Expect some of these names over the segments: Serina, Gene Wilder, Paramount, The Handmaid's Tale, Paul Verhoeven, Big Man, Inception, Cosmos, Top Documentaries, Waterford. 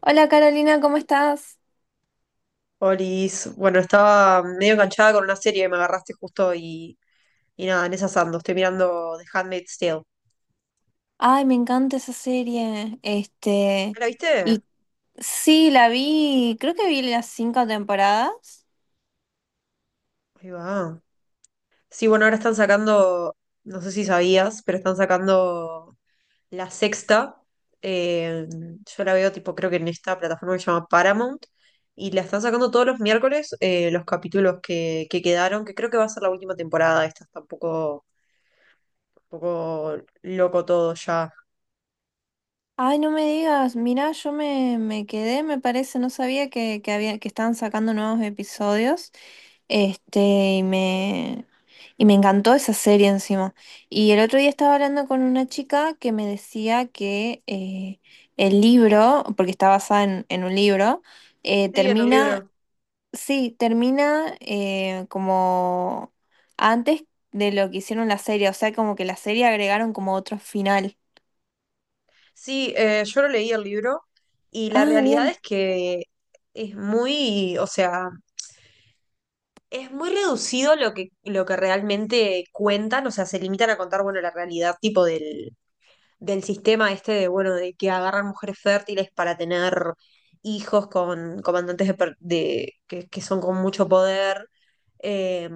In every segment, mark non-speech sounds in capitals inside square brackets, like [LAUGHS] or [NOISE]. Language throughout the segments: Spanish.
Hola Carolina, ¿cómo estás? Olis, bueno, estaba medio enganchada con una serie que me agarraste justo y nada, en esa ando. Estoy mirando The Handmaid's Tale. ¿No Ay, me encanta esa serie. ¿La viste? y sí, la vi, creo que vi las cinco temporadas. Ahí va. Sí, bueno, ahora están sacando, no sé si sabías, pero están sacando la sexta. Eh, yo la veo tipo, creo que en esta plataforma que se llama Paramount. Y la están sacando todos los miércoles los capítulos que quedaron, que creo que va a ser la última temporada. Esta está un poco loco todo ya. Ay, no me digas, mirá, yo me quedé, me parece, no sabía que, que estaban sacando nuevos episodios. Este, y me, y me encantó esa serie encima. Y el otro día estaba hablando con una chica que me decía que el libro, porque está basada en un libro, Sí, en el termina. libro. Sí, termina, como antes de lo que hicieron la serie, o sea, como que la serie agregaron como otro final. Sí, yo lo leí el libro y la Ah, realidad bien, es que es muy, o sea, es muy reducido lo que realmente cuentan, o sea, se limitan a contar, bueno, la realidad tipo del, del sistema este de, bueno, de que agarran mujeres fértiles para tener hijos con comandantes de, que son con mucho poder, eh,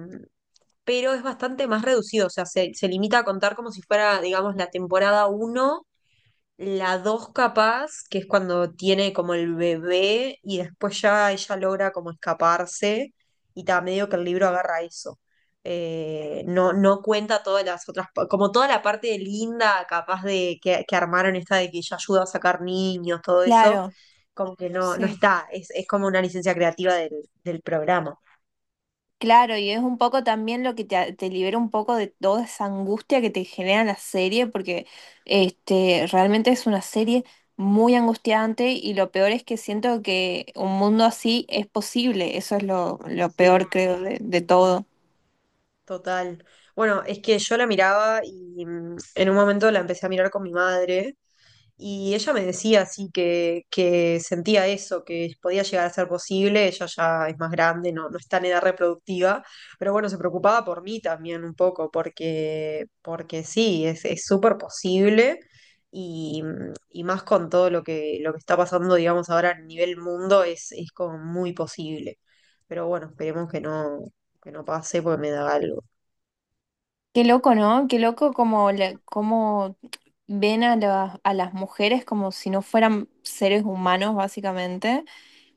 pero es bastante más reducido, o sea, se limita a contar como si fuera, digamos, la temporada uno. La dos capaz, que es cuando tiene como el bebé y después ya ella logra como escaparse y ta, medio que el libro agarra eso. No, no cuenta todas las otras, como toda la parte de linda capaz de que armaron esta de que ella ayuda a sacar niños, todo eso, claro, como que no, no sí. está, es como una licencia creativa del, del programa. Claro, y es un poco también lo que te libera un poco de toda esa angustia que te genera la serie, porque realmente es una serie muy angustiante, y lo peor es que siento que un mundo así es posible. Eso es lo peor, creo, de todo. Total. Bueno, es que yo la miraba y en un momento la empecé a mirar con mi madre y ella me decía así que sentía eso, que podía llegar a ser posible, ella ya es más grande, no, no está en edad reproductiva, pero bueno, se preocupaba por mí también un poco, porque, porque sí, es súper posible y, y más con todo lo que está pasando, digamos, ahora a nivel mundo, es como muy posible. Pero bueno, esperemos que no pasé porque me daba algo. Qué loco, ¿no? Qué loco como ven a las mujeres como si no fueran seres humanos, básicamente.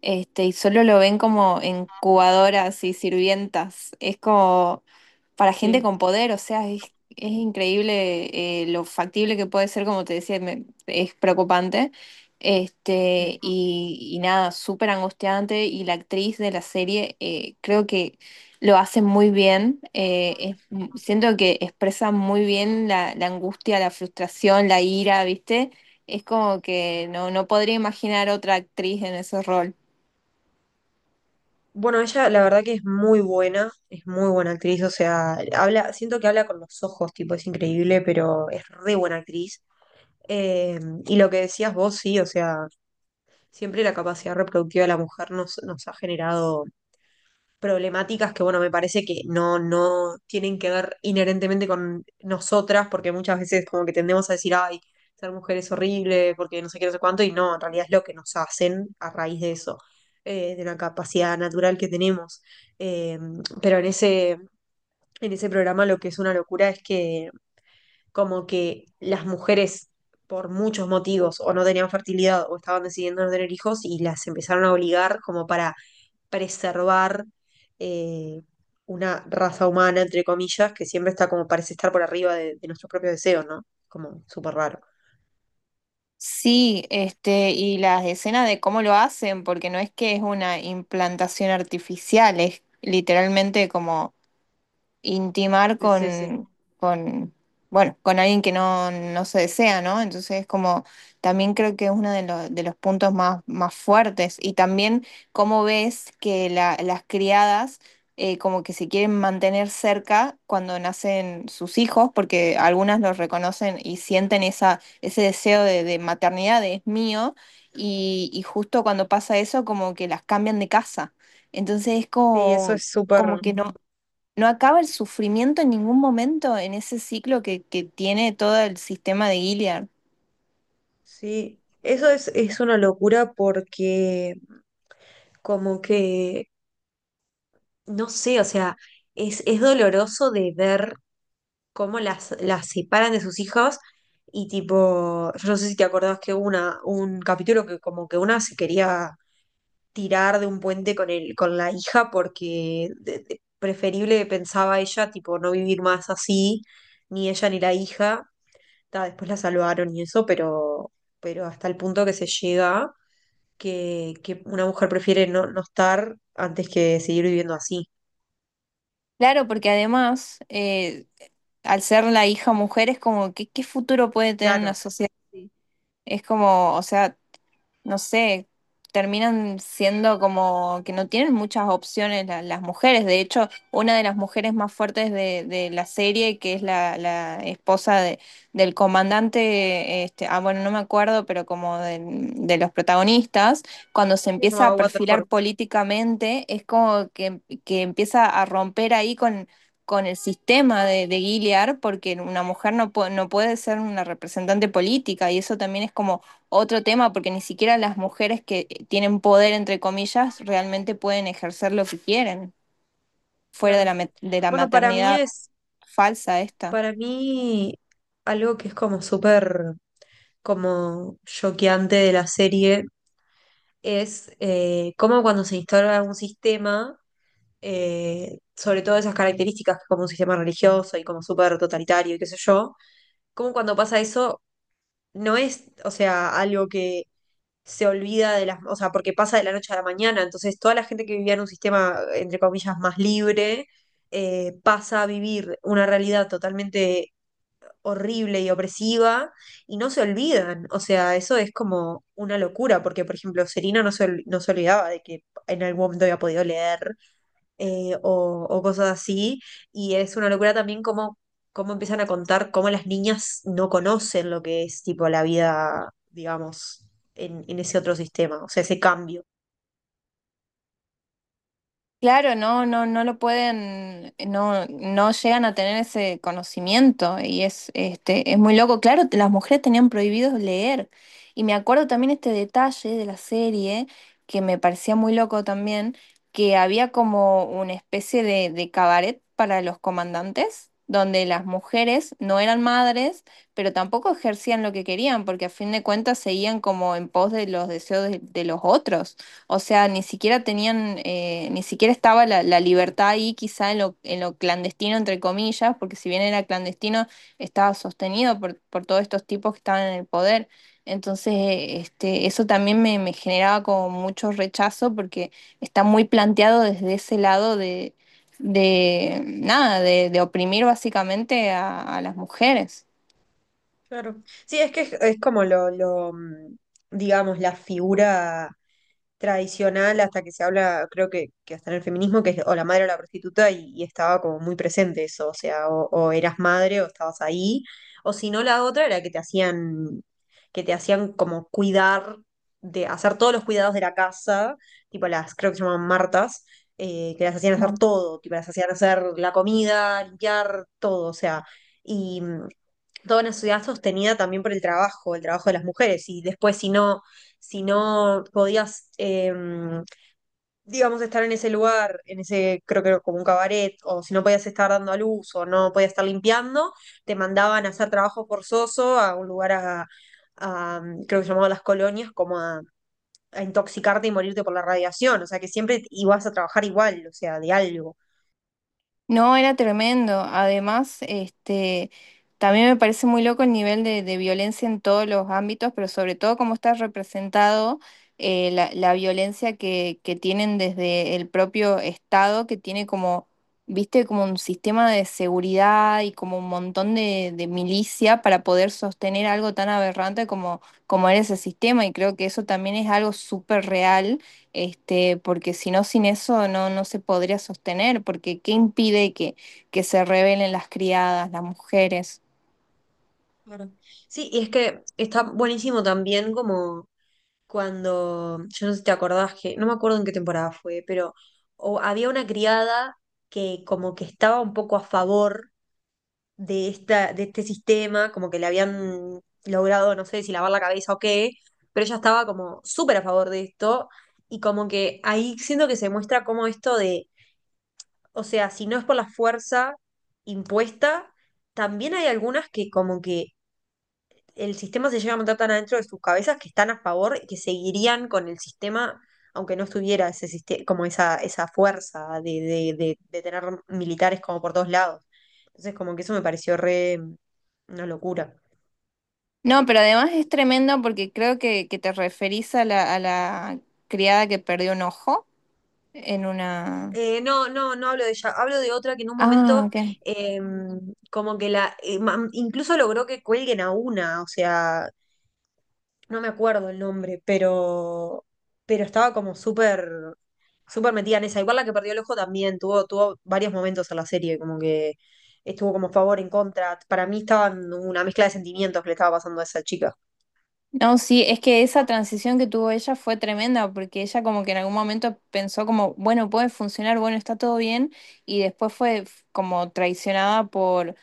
Y solo lo ven como incubadoras y sirvientas. Es como para gente Sí, con poder, o sea, es increíble lo factible que puede ser, como te decía, es preocupante. sí. Y nada, súper angustiante. Y la actriz de la serie, creo que lo hace muy bien. Siento que expresa muy bien la angustia, la frustración, la ira, ¿viste? Es como que no podría imaginar otra actriz en ese rol. Bueno, ella la verdad que es muy buena actriz, o sea, habla, siento que habla con los ojos, tipo, es increíble, pero es re buena actriz. Eh, y lo que decías vos, sí, o sea, siempre la capacidad reproductiva de la mujer nos, nos ha generado problemáticas que, bueno, me parece que no, no tienen que ver inherentemente con nosotras, porque muchas veces como que tendemos a decir, ay, ser mujer es horrible, porque no sé qué, no sé cuánto, y no, en realidad es lo que nos hacen a raíz de eso, de la capacidad natural que tenemos. Eh, pero en ese programa lo que es una locura es que como que las mujeres por muchos motivos o no tenían fertilidad o estaban decidiendo no tener hijos y las empezaron a obligar como para preservar eh, una raza humana, entre comillas, que siempre está como parece estar por arriba de nuestros propios deseos, ¿no? Como súper raro. Sí, y las escenas de cómo lo hacen, porque no es que es una implantación artificial, es literalmente como intimar Sí, sí, sí. Con, bueno, con alguien que no se desea, ¿no? Entonces, como también creo que es uno de los puntos más fuertes. Y también cómo ves que las criadas, como que se quieren mantener cerca cuando nacen sus hijos, porque algunas los reconocen y sienten esa, ese deseo de maternidad, de es mío, y justo cuando pasa eso, como que las cambian de casa. Entonces es Sí, eso como, es como súper, que no acaba el sufrimiento en ningún momento en ese ciclo que tiene todo el sistema de Gilead. sí, eso es una locura porque como que, no sé, o sea, es doloroso de ver cómo las separan de sus hijos y tipo, yo no sé si te acordás que hubo una, un capítulo que como que una se quería tirar de un puente con el, con la hija porque preferible pensaba ella, tipo, no vivir más así, ni ella ni la hija. Ta, después la salvaron y eso, pero hasta el punto que se llega que una mujer prefiere no, no estar antes que seguir viviendo así. Claro, porque además, al ser la hija mujer, es como, ¿qué, qué futuro puede tener una Claro, sociedad así? Es como, o sea, no sé, terminan siendo como que no tienen muchas opciones las mujeres. De hecho, una de las mujeres más fuertes de la serie, que es la esposa del comandante, ah, bueno, no me acuerdo, pero como de, los protagonistas, cuando se se empieza a llamaba Waterford. perfilar políticamente, es como que empieza a romper ahí con el sistema de Gilead, porque una mujer no puede ser una representante política. Y eso también es como otro tema, porque ni siquiera las mujeres que tienen poder, entre comillas, realmente pueden ejercer lo que quieren fuera de la, Claro. ma- de la Bueno, para mí maternidad es, falsa esta. para mí, algo que es como súper como choqueante de la serie es cómo cuando se instala un sistema, sobre todo esas características que como un sistema religioso y como súper totalitario y qué sé yo, cómo cuando pasa eso no es, o sea, algo que se olvida de las, o sea, porque pasa de la noche a la mañana, entonces toda la gente que vivía en un sistema, entre comillas, más libre, pasa a vivir una realidad totalmente horrible y opresiva y no se olvidan. O sea, eso es como una locura, porque por ejemplo, Serina no se, no se olvidaba de que en algún momento había podido leer o cosas así. Y es una locura también cómo, cómo empiezan a contar cómo las niñas no conocen lo que es tipo la vida, digamos, en ese otro sistema, o sea, ese cambio. Claro, no, no lo pueden, no llegan a tener ese conocimiento, y es, es muy loco. Claro, las mujeres tenían prohibido leer. Y me acuerdo también este detalle de la serie, que me parecía muy loco también, que había como una especie de cabaret para los comandantes, donde las mujeres no eran madres, pero tampoco ejercían lo que querían, porque a fin de cuentas seguían como en pos de los deseos de los otros. O sea, ni siquiera tenían, ni siquiera estaba la libertad ahí, quizá en lo clandestino, entre comillas, porque si bien era clandestino, estaba sostenido por todos estos tipos que estaban en el poder. Entonces, eso también me generaba como mucho rechazo, porque está muy planteado desde ese lado de nada, de oprimir básicamente a las mujeres. Claro. Sí, es que es como lo, digamos, la figura tradicional hasta que se habla, creo que hasta en el feminismo, que es o la madre o la prostituta, y estaba como muy presente eso, o sea, o eras madre o estabas ahí, o si no la otra era que te hacían como cuidar, de hacer todos los cuidados de la casa, tipo las, creo que se llaman Martas, que las hacían hacer todo, tipo las hacían hacer la comida, limpiar, todo, o sea, y toda una sociedad sostenida también por el trabajo de las mujeres. Y después, si no, si no podías, digamos, estar en ese lugar, en ese, creo que era como un cabaret, o si no podías estar dando a luz, o no podías estar limpiando, te mandaban a hacer trabajo forzoso a un lugar a, creo que se llamaba las colonias, como a intoxicarte y morirte por la radiación, o sea que siempre ibas a trabajar igual, o sea, de algo. No, era tremendo. Además, también me parece muy loco el nivel de violencia en todos los ámbitos, pero sobre todo cómo está representado, la violencia que tienen desde el propio Estado, que tiene como, viste, como un sistema de seguridad y como un montón de milicia para poder sostener algo tan aberrante como era ese sistema. Y creo que eso también es algo súper real, porque si no, sin eso no se podría sostener, porque ¿qué impide que se rebelen las criadas, las mujeres? Claro. Sí, y es que está buenísimo también como cuando, yo no sé si te acordás que, no me acuerdo en qué temporada fue, pero o había una criada que como que estaba un poco a favor de esta, de este sistema, como que le habían logrado, no sé si lavar la cabeza o qué, pero ella estaba como súper a favor de esto, y como que ahí siento que se muestra como esto de, o sea, si no es por la fuerza impuesta, también hay algunas que como que el sistema se llega a montar tan adentro de sus cabezas que están a favor y que seguirían con el sistema, aunque no estuviera ese sistema, como esa fuerza de tener militares como por todos lados. Entonces, como que eso me pareció re una locura. No, pero además es tremendo porque creo que te referís a la criada que perdió un ojo en una... No, no, no hablo de ella, hablo de otra que en un Ah, momento ok. eh, como que la, incluso logró que cuelguen a una, o sea, no me acuerdo el nombre, pero estaba como súper, súper metida en esa. Igual la que perdió el ojo también, tuvo, tuvo varios momentos en la serie, como que estuvo como a favor, en contra. Para mí estaba en una mezcla de sentimientos que le estaba pasando a esa chica. No, sí, es que esa transición que tuvo ella fue tremenda, porque ella como que en algún momento pensó como, bueno, puede funcionar, bueno, está todo bien. Y después fue como traicionada por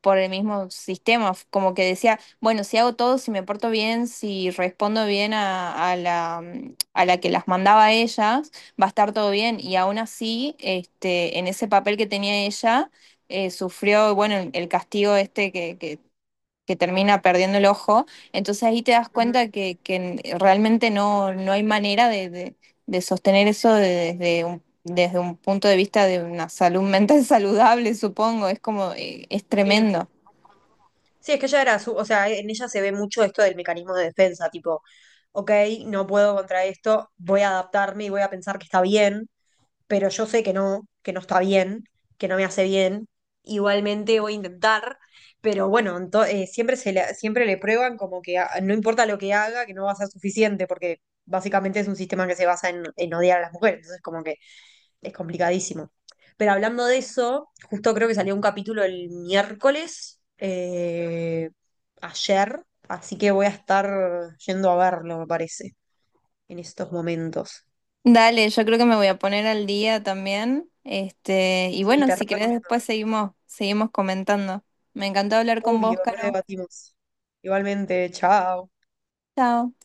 por el mismo sistema. Como que decía, bueno, si hago todo, si me porto bien, si respondo bien a la que las mandaba a ellas, va a estar todo bien. Y aún así, en ese papel que tenía ella, sufrió, bueno, el castigo este que termina perdiendo el ojo. Entonces ahí te das Ujú. cuenta que realmente no hay manera de sostener eso desde un punto de vista de una salud mental [LAUGHS] saludable, supongo, es como, es Sí. tremendo. Sí, es que ella era su, o sea, en ella se ve mucho esto del mecanismo de defensa, tipo, ok, no puedo contra esto, voy a adaptarme y voy a pensar que está bien, pero yo sé que no está bien, que no me hace bien. Igualmente voy a intentar, pero bueno, siempre, se le, siempre le prueban como que no importa lo que haga, que no va a ser suficiente, porque básicamente es un sistema que se basa en odiar a las mujeres, entonces como que es complicadísimo. Pero hablando de eso, justo creo que salió un capítulo el miércoles, ayer, así que voy a estar yendo a verlo, me parece, en estos momentos. Dale, yo creo que me voy a poner al día también. Y Sí, bueno, te re si querés recomiendo. después seguimos, comentando. Me encantó hablar con vos, Obvio, Caro. redebatimos. Igualmente, chao. Chao.